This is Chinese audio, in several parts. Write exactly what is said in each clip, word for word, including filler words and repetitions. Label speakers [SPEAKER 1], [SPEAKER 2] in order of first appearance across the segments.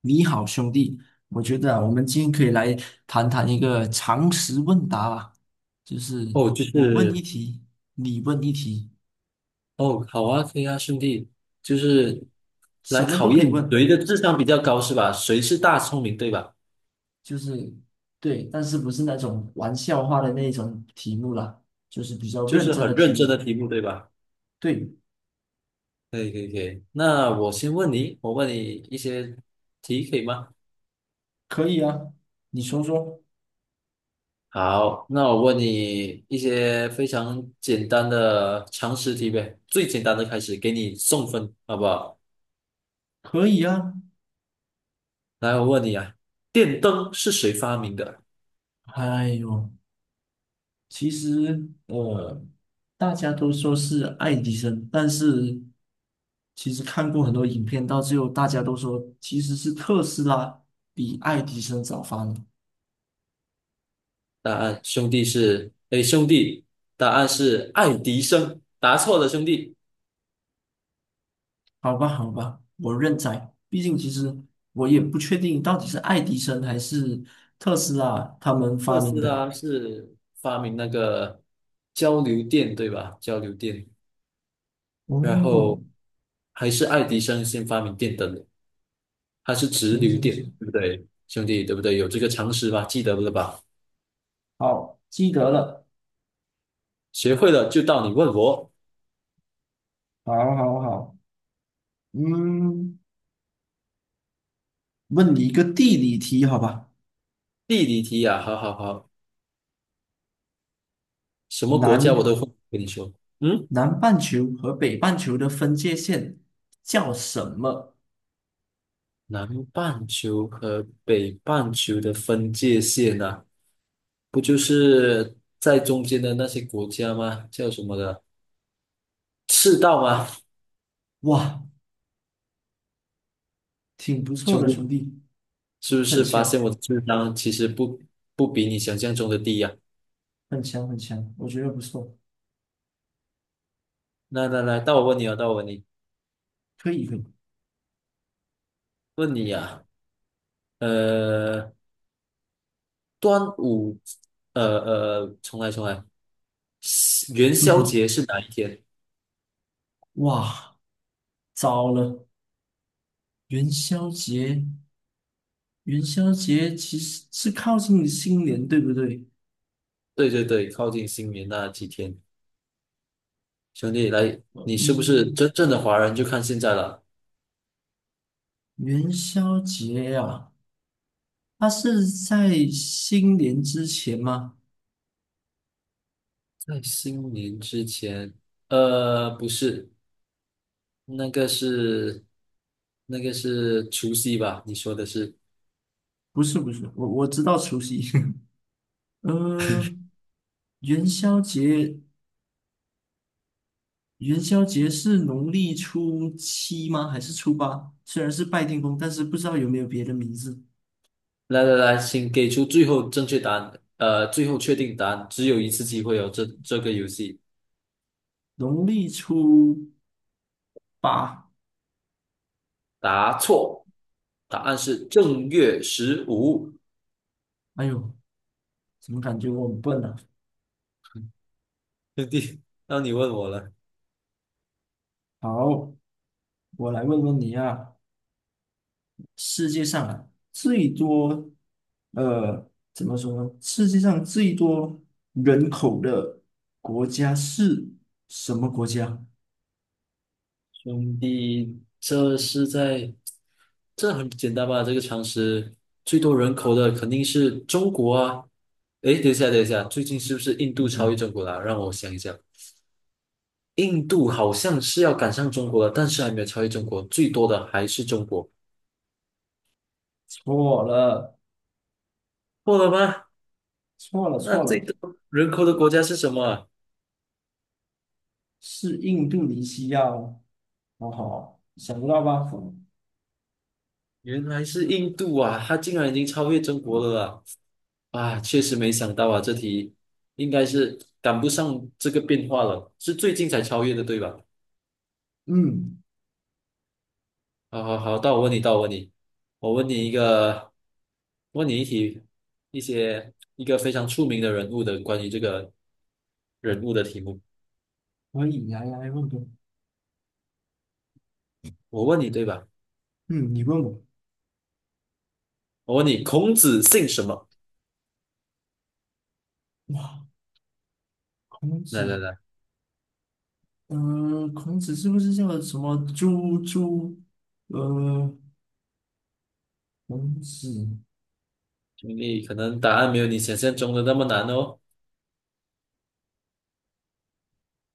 [SPEAKER 1] 你好，兄弟，我觉得啊，我们今天可以来谈谈一个常识问答吧，就是
[SPEAKER 2] 哦，就
[SPEAKER 1] 我问一
[SPEAKER 2] 是
[SPEAKER 1] 题，你问一题，
[SPEAKER 2] 哦，好啊，可以啊，兄弟，就是
[SPEAKER 1] 什
[SPEAKER 2] 来
[SPEAKER 1] 么都
[SPEAKER 2] 考
[SPEAKER 1] 可以
[SPEAKER 2] 验
[SPEAKER 1] 问，
[SPEAKER 2] 谁的智商比较高是吧？谁是大聪明对吧？
[SPEAKER 1] 就是对，但是不是那种玩笑话的那种题目啦，就是比较
[SPEAKER 2] 就
[SPEAKER 1] 认
[SPEAKER 2] 是
[SPEAKER 1] 真的
[SPEAKER 2] 很
[SPEAKER 1] 题
[SPEAKER 2] 认真
[SPEAKER 1] 目。
[SPEAKER 2] 的题目对吧？
[SPEAKER 1] 对，
[SPEAKER 2] 可以可以可以，那我先问你，我问你一些题可以吗？
[SPEAKER 1] 可以啊，你说说，
[SPEAKER 2] 好，那我问你一些非常简单的常识题呗，最简单的开始，给你送分，好不好？
[SPEAKER 1] 可以啊。
[SPEAKER 2] 来，我问你啊，电灯是谁发明的？
[SPEAKER 1] 哎呦，其实呃，大家都说是爱迪生，但是其实看过很多影片，到最后大家都说其实是特斯拉比爱迪生早发明。
[SPEAKER 2] 答案兄弟是，哎，兄弟，答案是爱迪生，答错了，兄弟。
[SPEAKER 1] 好吧，好吧，我认栽。毕竟其实我也不确定到底是爱迪生还是特斯拉他们发
[SPEAKER 2] 特
[SPEAKER 1] 明
[SPEAKER 2] 斯
[SPEAKER 1] 的。
[SPEAKER 2] 拉是发明那个交流电，对吧？交流电，然
[SPEAKER 1] 哦，
[SPEAKER 2] 后还是爱迪生先发明电灯的，它是直
[SPEAKER 1] 行
[SPEAKER 2] 流
[SPEAKER 1] 行
[SPEAKER 2] 电，
[SPEAKER 1] 行，
[SPEAKER 2] 对不对，兄弟？对不对？有这个常识吧？记得了吧？
[SPEAKER 1] 好，记得了。
[SPEAKER 2] 学会了就到你问我
[SPEAKER 1] 好，好，好，嗯，问你一个地理题，好吧？
[SPEAKER 2] 地理题呀、好好好，什么国家我
[SPEAKER 1] 难
[SPEAKER 2] 都会跟你说。嗯。
[SPEAKER 1] 南半球和北半球的分界线叫什么？
[SPEAKER 2] 南半球和北半球的分界线啊，不就是在中间的那些国家吗？叫什么的？赤道吗？
[SPEAKER 1] 哇，挺不错
[SPEAKER 2] 兄
[SPEAKER 1] 的，兄
[SPEAKER 2] 弟，
[SPEAKER 1] 弟，
[SPEAKER 2] 是不
[SPEAKER 1] 很
[SPEAKER 2] 是发现
[SPEAKER 1] 强，
[SPEAKER 2] 我的智商其实不不比你想象中的低呀、
[SPEAKER 1] 很强，很强，我觉得不错，
[SPEAKER 2] 来来来，到我问你啊，到我问你，
[SPEAKER 1] 可以，可以。
[SPEAKER 2] 问你呀、呃，端午，呃呃，重来重来，元
[SPEAKER 1] 嗯
[SPEAKER 2] 宵
[SPEAKER 1] 哼，
[SPEAKER 2] 节是哪一天？
[SPEAKER 1] 哇，糟了，元宵节，元宵节其实是靠近新年，对不对？
[SPEAKER 2] 对对对，靠近新年那几天。兄弟，来，你是不是
[SPEAKER 1] 嗯，
[SPEAKER 2] 真正的华人？就看现在了。
[SPEAKER 1] 元宵节呀，啊它是在新年之前吗？
[SPEAKER 2] 在新年之前，呃，不是，那个是那个是除夕吧？你说的是？
[SPEAKER 1] 不是，不是，我我知道除夕。呃，元宵节元宵节是农历初七吗？还是初八？虽然是拜天公，但是不知道有没有别的名字。
[SPEAKER 2] 来来来，请给出最后正确答案，呃，最后确定答案，只有一次机会哦。这这个游戏
[SPEAKER 1] 农历初八，
[SPEAKER 2] 答错，答案是正月十五。
[SPEAKER 1] 哎呦，怎么感觉我很笨啊？
[SPEAKER 2] 兄弟，那你问我了。
[SPEAKER 1] 好，我来问问你啊，世界上啊最多，呃，怎么说呢？世界上最多人口的国家是什么国家？
[SPEAKER 2] 兄弟，这是在，这很简单吧？这个常识，最多人口的肯定是中国啊。诶，等一下，等一下，最近是不是印度
[SPEAKER 1] 嗯
[SPEAKER 2] 超越
[SPEAKER 1] 哼，
[SPEAKER 2] 中国了？让我想一想，印度好像是要赶上中国了，但是还没有超越中国，最多的还是中国，
[SPEAKER 1] 错了，
[SPEAKER 2] 错了吗？
[SPEAKER 1] 错了，
[SPEAKER 2] 那
[SPEAKER 1] 错
[SPEAKER 2] 最
[SPEAKER 1] 了，
[SPEAKER 2] 多人口的国家是什么啊
[SPEAKER 1] 是印度尼西亚哦。好好，想不到吧？
[SPEAKER 2] 原来是印度啊，它竟然已经超越中国了啦！啊，确实没想到啊，这题应该是赶不上这个变化了，是最近才超越的，对吧？
[SPEAKER 1] 嗯，
[SPEAKER 2] 好好好，到我问你，到我问你，我问你一个，问你一题，一些一个非常出名的人物的关于这个人物的题目。
[SPEAKER 1] 可以，来来问个，
[SPEAKER 2] 我问你对吧？
[SPEAKER 1] 嗯，你问我。
[SPEAKER 2] 我问你，孔子姓什么？
[SPEAKER 1] 哇，孔
[SPEAKER 2] 来来
[SPEAKER 1] 子，
[SPEAKER 2] 来，
[SPEAKER 1] 嗯、孔子是不是叫什么朱朱？呃，孔子，
[SPEAKER 2] 兄弟，可能答案没有你想象中的那么难哦。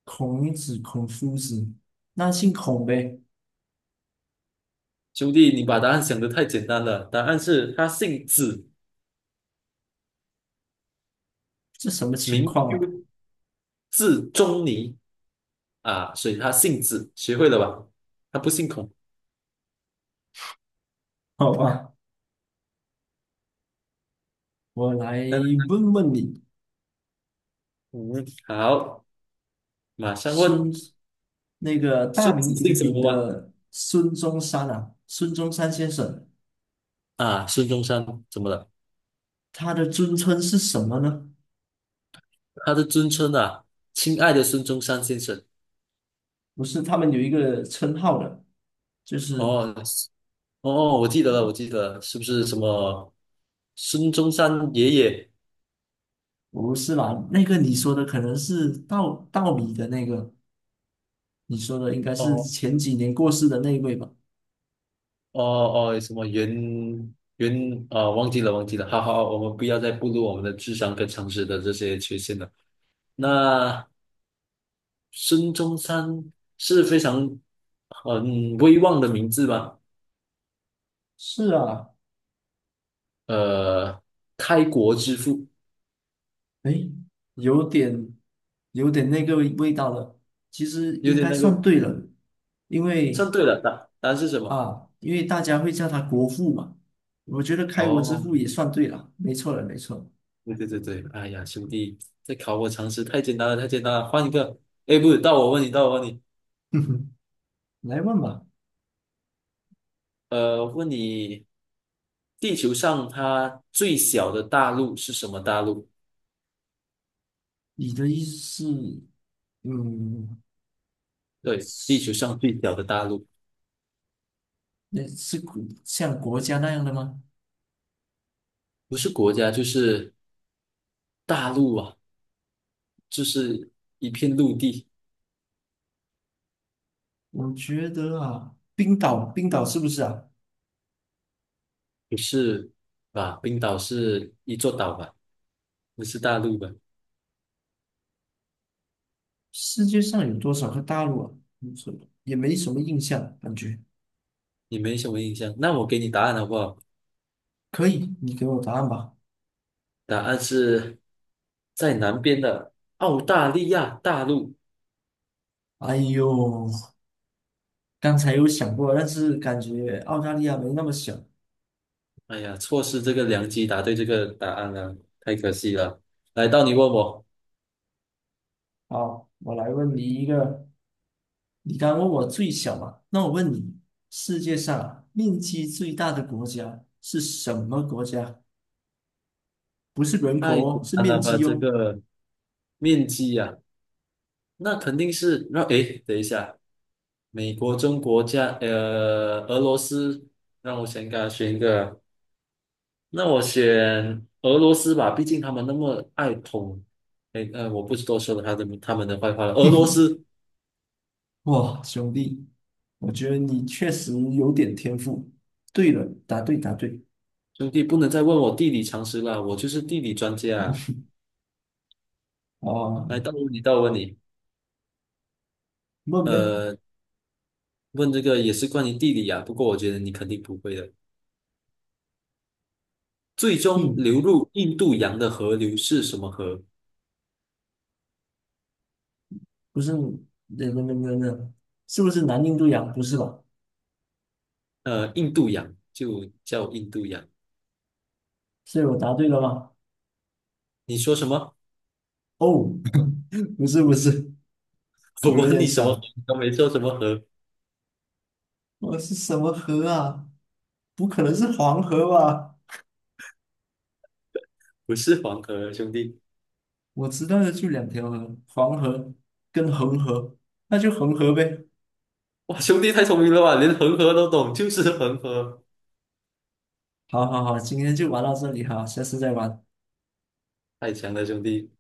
[SPEAKER 1] 孔子，孔夫子，那姓孔呗？
[SPEAKER 2] 兄弟，你把答案想得太简单了，答案是他姓子，
[SPEAKER 1] 这什么情
[SPEAKER 2] 名
[SPEAKER 1] 况啊？
[SPEAKER 2] 丘，字仲尼啊，所以他姓子，学会了吧？他不姓孔。
[SPEAKER 1] 好吧，我来
[SPEAKER 2] 来来
[SPEAKER 1] 问问你，
[SPEAKER 2] 嗯，好，马上问。
[SPEAKER 1] 孙，那个大
[SPEAKER 2] 孙子
[SPEAKER 1] 名
[SPEAKER 2] 姓
[SPEAKER 1] 鼎
[SPEAKER 2] 什
[SPEAKER 1] 鼎
[SPEAKER 2] 么吗？
[SPEAKER 1] 的孙中山啊，孙中山先生，
[SPEAKER 2] 啊，孙中山怎么了？
[SPEAKER 1] 他的尊称是什么呢？
[SPEAKER 2] 他的尊称啊，亲爱的孙中山先生。
[SPEAKER 1] 不是他们有一个称号的，就是
[SPEAKER 2] 哦，哦，我记得了，我记得了，是不是什么孙中山爷爷？
[SPEAKER 1] 我不是啦，那个你说的可能是道道理的那个，你说的应该是
[SPEAKER 2] 哦
[SPEAKER 1] 前几年过世的那一位吧？
[SPEAKER 2] 哦哦，什么袁袁啊、忘记了，忘记了。好好，我们不要再步入我们的智商跟常识的这些缺陷了。那孙中山是非常很威望的名字吧？
[SPEAKER 1] 是啊，
[SPEAKER 2] 呃，开国之父，
[SPEAKER 1] 诶，有点有点那个味道了。其实
[SPEAKER 2] 有
[SPEAKER 1] 应
[SPEAKER 2] 点
[SPEAKER 1] 该
[SPEAKER 2] 那
[SPEAKER 1] 算
[SPEAKER 2] 个
[SPEAKER 1] 对了，因
[SPEAKER 2] 算
[SPEAKER 1] 为
[SPEAKER 2] 对了，答答案是什么？
[SPEAKER 1] 啊，因为大家会叫他国父嘛，我觉得开国之
[SPEAKER 2] 哦，
[SPEAKER 1] 父也算对了，没错了，没错了。
[SPEAKER 2] 对对对对，哎呀，兄弟，这考我常识太简单了，太简单了，换一个。哎，不是，到我问你，到我问你，
[SPEAKER 1] 来问吧，
[SPEAKER 2] 呃，问你，地球上它最小的大陆是什么大陆？
[SPEAKER 1] 你的意思是，嗯。
[SPEAKER 2] 对，地球上最小的大陆，
[SPEAKER 1] 那是国像国家那样的吗？
[SPEAKER 2] 不是国家就是大陆啊，就是一片陆地，
[SPEAKER 1] 我觉得啊，冰岛，冰岛是不是啊？
[SPEAKER 2] 不是吧？冰岛是一座岛吧？不是大陆吧？
[SPEAKER 1] 世界上有多少个大陆啊？没什么也没什么印象，感觉
[SPEAKER 2] 你没什么印象，那我给你答案好不好？
[SPEAKER 1] 可以，你给我答案吧。
[SPEAKER 2] 答案是在南边的澳大利亚大陆。
[SPEAKER 1] 哎呦，刚才有想过，但是感觉澳大利亚没那么小。
[SPEAKER 2] 哎呀，错失这个良机，答对这个答案了，太可惜了。来到你问我，
[SPEAKER 1] 好，我来问你一个，你刚问我最小嘛，那我问你，世界上啊面积最大的国家是什么国家？不是人口
[SPEAKER 2] 太简
[SPEAKER 1] 哦，是
[SPEAKER 2] 单
[SPEAKER 1] 面
[SPEAKER 2] 了吧？
[SPEAKER 1] 积
[SPEAKER 2] 这
[SPEAKER 1] 哦。
[SPEAKER 2] 个面积呀、那肯定是让诶，等一下，美国、中国加呃俄罗斯，让我先给他选一个，那我选俄罗斯吧，毕竟他们那么爱捅，诶呃，我不是多说了他的他们的坏话了，俄罗 斯。
[SPEAKER 1] 哇，兄弟，我觉得你确实有点天赋。对了，答对，答对。
[SPEAKER 2] 兄弟，不能再问我地理常识了，我就是地理专家啊。
[SPEAKER 1] 哦，
[SPEAKER 2] 来，到问你，到问你，
[SPEAKER 1] 问呗。
[SPEAKER 2] 呃，问这个也是关于地理啊，不过我觉得你肯定不会的。最终
[SPEAKER 1] 嗯，
[SPEAKER 2] 流入印度洋的河流是什么河？
[SPEAKER 1] 不是，那那那那那，是不是南印度洋？不是吧？
[SPEAKER 2] 呃，印度洋就叫印度洋。
[SPEAKER 1] 所以我答对了吗？
[SPEAKER 2] 你说什么？
[SPEAKER 1] 哦，不是不是，
[SPEAKER 2] 我
[SPEAKER 1] 我有
[SPEAKER 2] 问
[SPEAKER 1] 点
[SPEAKER 2] 你什么河？
[SPEAKER 1] 傻。
[SPEAKER 2] 你都没说什么河，
[SPEAKER 1] 我是什么河啊？不可能是黄河吧？
[SPEAKER 2] 不是黄河，兄弟。
[SPEAKER 1] 我知道的就两条河，黄河跟恒河，那就恒河呗。
[SPEAKER 2] 哇，兄弟太聪明了吧，连恒河都懂，就是恒河，
[SPEAKER 1] 好好好，今天就玩到这里哈，下次再玩。
[SPEAKER 2] 太强了，兄弟。